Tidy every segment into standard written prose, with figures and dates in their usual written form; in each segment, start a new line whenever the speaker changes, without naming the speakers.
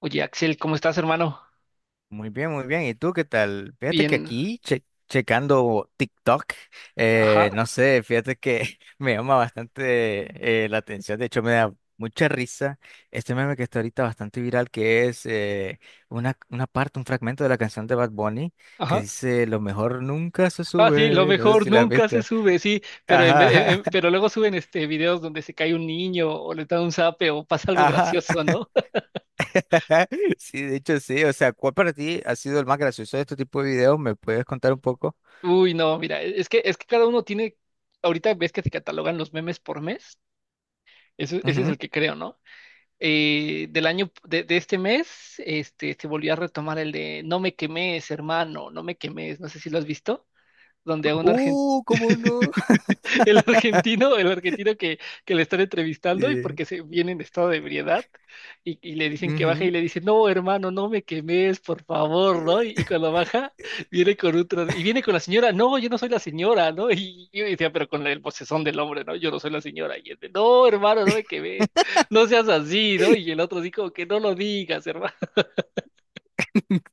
Oye, Axel, ¿cómo estás, hermano?
Muy bien, muy bien. ¿Y tú qué tal? Fíjate que
Bien,
aquí, checando TikTok,
ajá,
no sé, fíjate que me llama bastante la atención. De hecho, me da mucha risa este meme que está ahorita bastante viral, que es una parte, un fragmento de la canción de Bad Bunny que
ajá.
dice, Lo mejor nunca se
Ah, sí, lo
sube. No sé
mejor
si la has
nunca
visto.
se sube, sí, pero, en ve-
Ajá,
en- pero luego suben este videos donde se cae un niño o le da un zape o pasa algo
ajá.
gracioso, ¿no?
Sí, de hecho sí. O sea, ¿cuál para ti ha sido el más gracioso de este tipo de videos? ¿Me puedes contar un poco?
Uy, no, mira, es que cada uno tiene, ahorita ves que se catalogan los memes por mes, ese es el que creo, ¿no? Del año, de este mes, este, se volvió a retomar el de no me quemes, hermano, no me quemes, no sé si lo has visto, donde a un argentino.
¿Cómo no?
El argentino, que le están entrevistando y
Eh,
porque se viene en estado de ebriedad y le dicen que baje y
ujú.
le dice, no, hermano, no me quemes, por favor, ¿no? Y cuando baja, viene con otro y viene con la señora, no, yo no soy la señora, ¿no? Y yo decía, pero con el vocesón del hombre, ¿no? Yo no soy la señora. Y él de, no, hermano, no me quemes, no seas así, ¿no? Y el otro así como que no lo digas, hermano.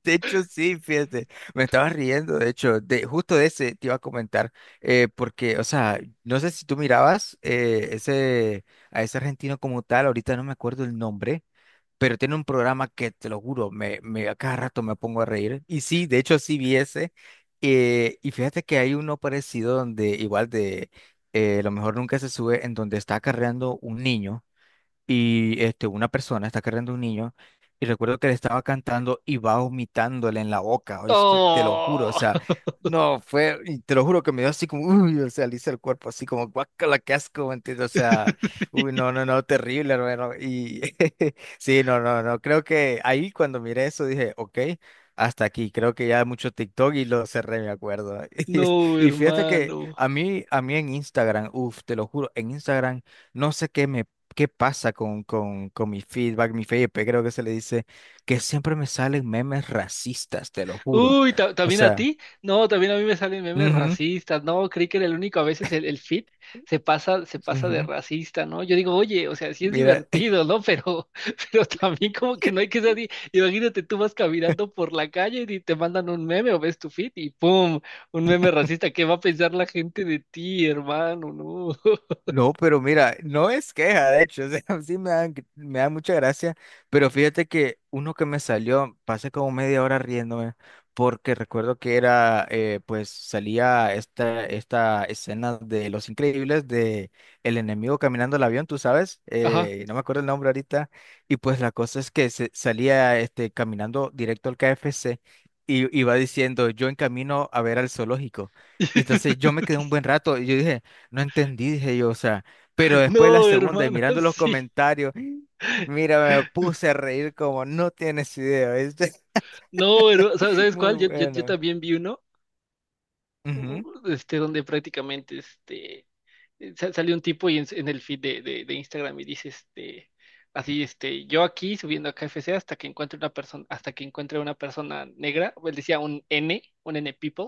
De hecho, sí, fíjate, me estaba riendo, de hecho, de, justo de ese te iba a comentar, porque, o sea, no sé si tú mirabas ese, a ese argentino como tal, ahorita no me acuerdo el nombre, pero tiene un programa que, te lo juro, me, a cada rato me pongo a reír, y sí, de hecho, sí vi ese, y fíjate que hay uno parecido donde, igual de, lo mejor nunca se sube, en donde está acarreando un niño. Y este, una persona está cargando un niño y recuerdo que le estaba cantando y va vomitándole en la boca, ¿oíste? Te lo juro, o
Oh.
sea, no, fue, y te lo juro que me dio así como, uy, o sea, le hice el cuerpo así como, guácala, qué asco, ¿me entiendes? O sea, uy, no, no, no, terrible, hermano, y sí, no, no, no, creo que ahí cuando miré eso dije, ok. Hasta aquí, creo que ya mucho TikTok y lo cerré, me acuerdo.
No,
Y fíjate que
hermano.
a mí en Instagram, uff, te lo juro, en Instagram no sé qué me qué pasa con mi feedback, mi FYP, creo que se le dice, que siempre me salen memes racistas, te lo juro. O
¿También a
sea,
ti? No, también a mí me salen memes
ujú,
racistas. No, creí que era el único. A veces el fit se pasa de
ujú,
racista, ¿no? Yo digo, oye, o sea, sí es
mira.
divertido, ¿no? Pero, pero también como que no hay que ser así. Imagínate, tú vas caminando por la calle y te mandan un meme o ves tu fit y ¡pum! Un meme racista. ¿Qué va a pensar la gente de ti, hermano? No.
No, pero mira, no es queja, de hecho, o sea, sí me dan, me da mucha gracia, pero fíjate que uno que me salió, pasé como media hora riéndome, porque recuerdo que era, pues salía esta escena de Los Increíbles, de el enemigo caminando el avión, tú sabes,
Ajá.
no me acuerdo el nombre ahorita, y pues la cosa es que se, salía este, caminando directo al KFC y iba diciendo, yo en camino a ver al zoológico. Y entonces yo me quedé un buen rato y yo dije, no entendí, dije yo, o sea, pero después la
No,
segunda y
hermano,
mirando los
sí.
comentarios, mira, me puse a reír como no tienes idea, ¿viste?
No, hermano, ¿sabes
Muy
cuál? Yo
bueno.
también vi uno.
Ujú,
Este, donde prácticamente este, salió un tipo y en el feed de Instagram y dice este, así, este, yo aquí subiendo a KFC hasta que encuentre una persona, hasta que encuentre una persona negra, él decía un N people,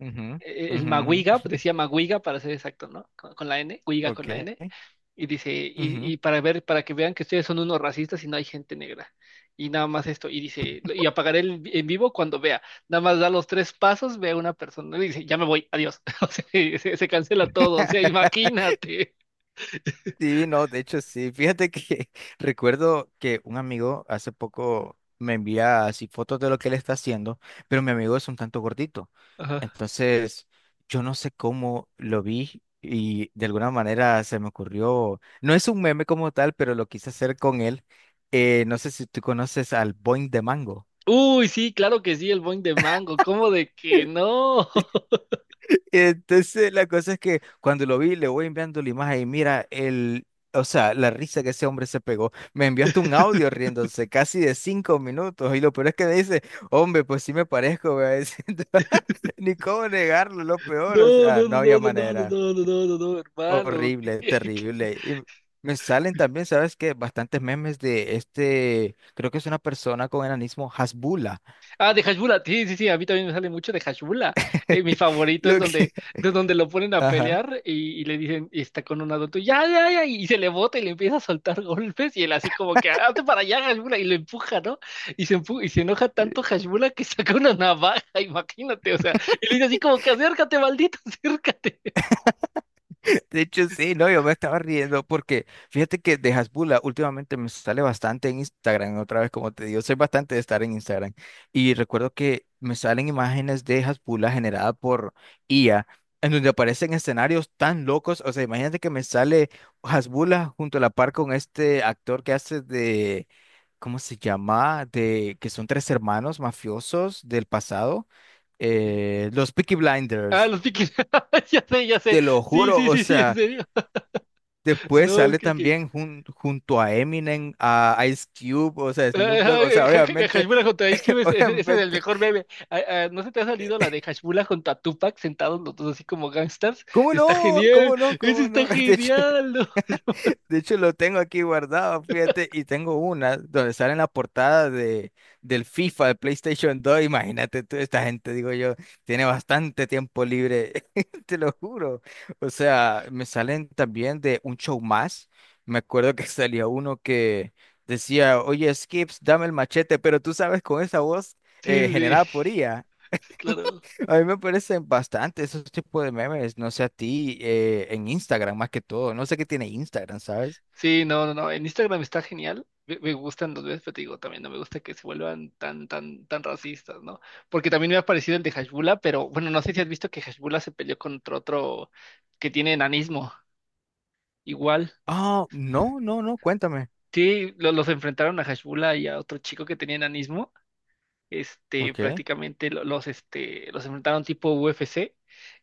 ujú,
el
ujú,
Maguiga,
ujú.
pues decía Maguiga para ser exacto, ¿no? Con la N, Guiga
Ok.
con la N. Y dice,
Ujú.
y para ver, para que vean que ustedes son unos racistas y no hay gente negra. Y nada más esto. Y dice, y apagaré en vivo cuando vea. Nada más da los tres pasos, ve a una persona y dice, ya me voy, adiós. O sea, se cancela todo. O sea, imagínate.
Sí, no, de hecho sí. Fíjate que recuerdo que un amigo hace poco me envía así fotos de lo que él está haciendo, pero mi amigo es un tanto gordito.
Ajá.
Entonces, yo no sé cómo lo vi y de alguna manera se me ocurrió, no es un meme como tal, pero lo quise hacer con él. No sé si tú conoces al Boing de Mango.
Uy, sí, claro que sí, el boing de mango. ¿Cómo de que no?
Entonces, la cosa es que cuando lo vi, le voy enviando la imagen y mira, el, o sea, la risa que ese hombre se pegó. Me envió hasta un audio riéndose casi de 5 minutos. Y lo peor es que me dice, hombre, pues sí me parezco, me va diciendo. Ni cómo negarlo, lo peor, o
No,
sea,
no,
no
no,
había
no, no, no, no, no,
manera.
no, no, no, no, hermano.
Horrible, terrible. Y me salen también, ¿sabes qué? Bastantes memes de este, creo que es una persona con enanismo, Hasbula.
Ah, de Hashbula, sí, sí, sí, a mí también me sale mucho de Hashbula. Mi favorito es
Lo que,
de donde lo ponen a
ajá.
pelear y le dicen, y está con un adulto, ya, ya, ya, y se le bota y le empieza a soltar golpes y él así como que, "Ah, hazte para allá, Hashbula", y lo empuja, ¿no? Y se enoja tanto Hashbula que saca una navaja, imagínate, o sea, y le dice así como que, acércate, maldito, acércate.
De hecho, sí, no, yo me estaba riendo porque fíjate que de Hasbula últimamente me sale bastante en Instagram, otra vez como te digo, soy bastante de estar en Instagram y recuerdo que me salen imágenes de Hasbula generada por IA en donde aparecen escenarios tan locos, o sea, imagínate que me sale Hasbula junto a la par con este actor que hace de, ¿cómo se llama? De que son tres hermanos mafiosos del pasado, los Peaky
Ah,
Blinders,
los piquis, ya sé,
te lo
sí,
juro,
sí,
o
sí, sí, en
sea...
serio.
Después
No,
sale
que
también junto a Eminem, a Ice Cube, o sea,
ah,
Snoop Dogg, o sea, obviamente,
Hashmula contra Ice Cube, ese es el
obviamente.
mejor meme. Ah, ah, ¿no se te ha salido la de Hashmula contra Tupac sentados los dos así como gangsters?
¿Cómo
Está
no?
genial,
¿Cómo no?
ese
¿Cómo
está
no? De hecho,
genial, ¿no?
Lo tengo aquí guardado, fíjate, y tengo una donde sale en la portada de, del FIFA, de PlayStation 2. Imagínate tú, esta gente, digo yo, tiene bastante tiempo libre, te lo juro. O sea, me salen también de un show más. Me acuerdo que salía uno que decía, oye, Skips, dame el machete, pero tú sabes, con esa voz
Sí,
generada
sí,
por IA.
sí, claro.
A mí me parecen bastante esos tipos de memes, no sé a ti, en Instagram más que todo. No sé qué tiene Instagram, ¿sabes?
Sí, no, no, no, en Instagram está genial. Me gustan los memes, pero te digo, también no me gusta que se vuelvan tan racistas, ¿no? Porque también me ha parecido el de Hashmula, pero bueno, no sé si has visto que Hashmula se peleó contra otro que tiene enanismo, igual.
Oh, no, no, no, cuéntame.
Sí, los enfrentaron a Hashbula y a otro chico que tenía enanismo, este,
Ok.
prácticamente los, este, los enfrentaron tipo UFC.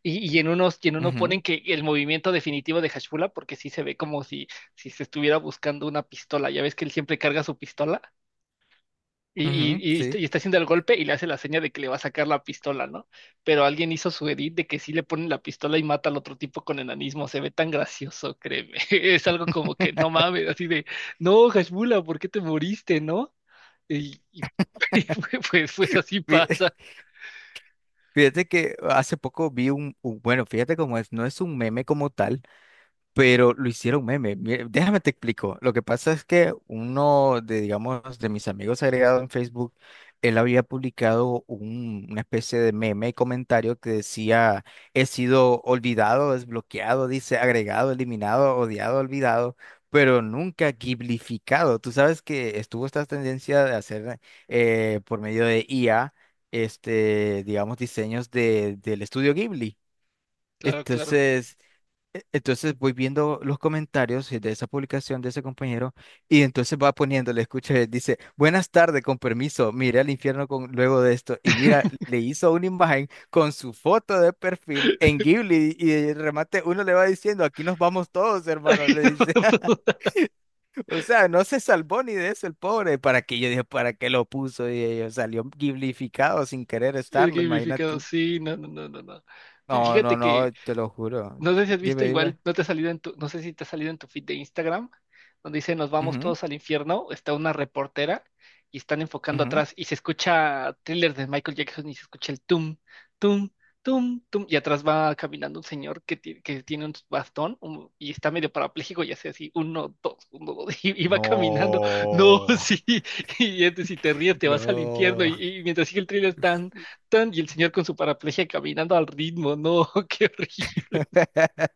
Y en uno
Ujú,
ponen que el movimiento definitivo de Hashbula, porque sí se ve como si, si se estuviera buscando una pistola. Ya ves que él siempre carga su pistola y,
ujú,
y
sí.
está haciendo el golpe y le hace la seña de que le va a sacar la pistola, ¿no? Pero alguien hizo su edit de que sí le ponen la pistola y mata al otro tipo con enanismo. Se ve tan gracioso, créeme. Es algo como que no mames, así de, no, Hashbula, ¿por qué te moriste, no? Y pues, pues así
Fí-
pasa.
Fíjate que hace poco vi un, bueno, fíjate cómo es, no es un meme como tal, pero lo hicieron meme. Mira, déjame te explico. Lo que pasa es que uno de, digamos, de mis amigos agregados en Facebook, él había publicado una especie de meme y comentario que decía, he sido olvidado, desbloqueado, dice, agregado, eliminado, odiado, olvidado, pero nunca giblificado. Tú sabes que estuvo esta tendencia de hacer por medio de IA, este, digamos, diseños de, del estudio Ghibli.
Claro, claro.
Entonces... Entonces voy viendo los comentarios de esa publicación de ese compañero y entonces va poniéndole, escuché, dice, buenas tardes, con permiso, miré al infierno con, luego de esto y mira, le hizo una imagen con su foto de perfil en Ghibli y de remate uno le va diciendo, aquí nos vamos todos, hermano,
Ay,
le
no,
dice,
no, no,
o sea, no se salvó ni de eso el pobre, para qué yo dije, para qué lo puso y salió Ghiblificado sin querer
el
estarlo, imagina
gamificado,
tú.
sí, no, no, no, no, no.
No, no,
Fíjate que
no, te lo juro.
no sé si has visto,
Dime, dime.
igual no te ha salido en tu, no sé si te ha salido en tu feed de Instagram, donde dice nos vamos
Ujú,
todos al infierno, está una reportera y están enfocando
ujú.
atrás y se escucha thriller de Michael Jackson y se escucha el tum, tum, tum, tum, y atrás va caminando un señor que, que tiene un bastón y está medio parapléjico y hace así, uno, dos, uno, dos, y va caminando. No,
No,
sí, y este, si te ríes te vas al infierno
no.
y mientras sigue el thriller tan, tan, y el señor con su paraplegia caminando al ritmo, no, qué horrible.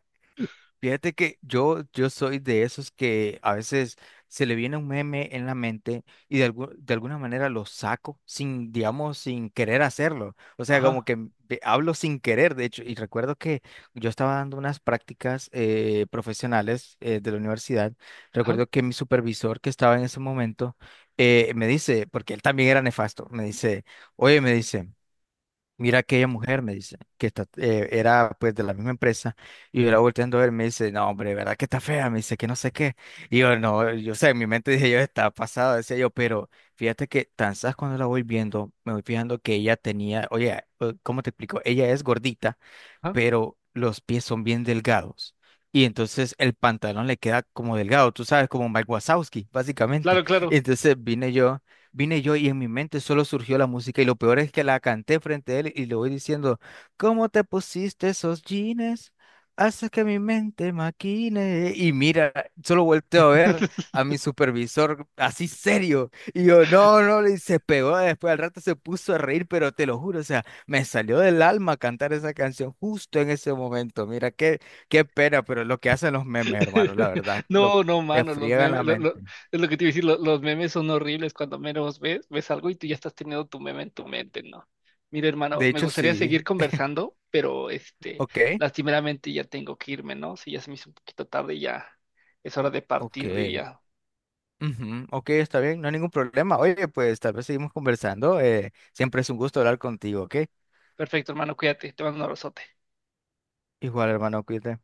Fíjate que yo soy de esos que a veces se le viene un meme en la mente y de, de alguna manera lo saco sin, digamos, sin querer hacerlo. O sea, como
Ajá,
que hablo sin querer, de hecho. Y recuerdo que yo estaba dando unas prácticas profesionales de la universidad.
ajá,
Recuerdo que mi supervisor que estaba en ese momento me dice, porque él también era nefasto, me dice, oye, me dice. Mira aquella mujer, me dice, que está, era pues de la misma empresa, y yo la volteando a ver, me dice, no, hombre, ¿verdad que está fea? Me dice que no sé qué. Y yo, no, yo sé, en mi mente dije, yo está pasada, decía yo, pero fíjate que tan sabes cuando la voy viendo, me voy fijando que ella tenía, oye, ¿cómo te explico? Ella es gordita,
ajá.
pero los pies son bien delgados. Y entonces el pantalón le queda como delgado, tú sabes, como Mike Wazowski, básicamente.
Claro, claro.
Entonces vine yo, vine yo, y en mi mente solo surgió la música y lo peor es que la canté frente a él y le voy diciendo, ¿cómo te pusiste esos jeans? Hace que mi mente maquine. Y mira, solo volteo a ver a mi supervisor así serio. Y yo, no, no, le se pegó. Después al rato se puso a reír, pero te lo juro, o sea, me salió del alma cantar esa canción justo en ese momento. Mira, qué pena, pero es lo que hacen los memes, hermano, la verdad, lo
No, no,
te
mano, los
friegan
memes,
la mente.
es lo que te iba a decir, los memes son horribles cuando menos ves, ves algo y tú ya estás teniendo tu meme en tu mente, ¿no? Mira, hermano,
De
me
hecho,
gustaría seguir
sí.
conversando, pero este,
Ok,
lastimeramente ya tengo que irme, ¿no? Si ya se me hizo un poquito tarde, y ya es hora de
ok.
partir, diría.
Ujú, ok, está bien, no hay ningún problema. Oye, pues tal vez seguimos conversando. Siempre es un gusto hablar contigo, ¿ok?
Perfecto, hermano, cuídate, te mando un abrazote.
Igual, hermano, cuídate.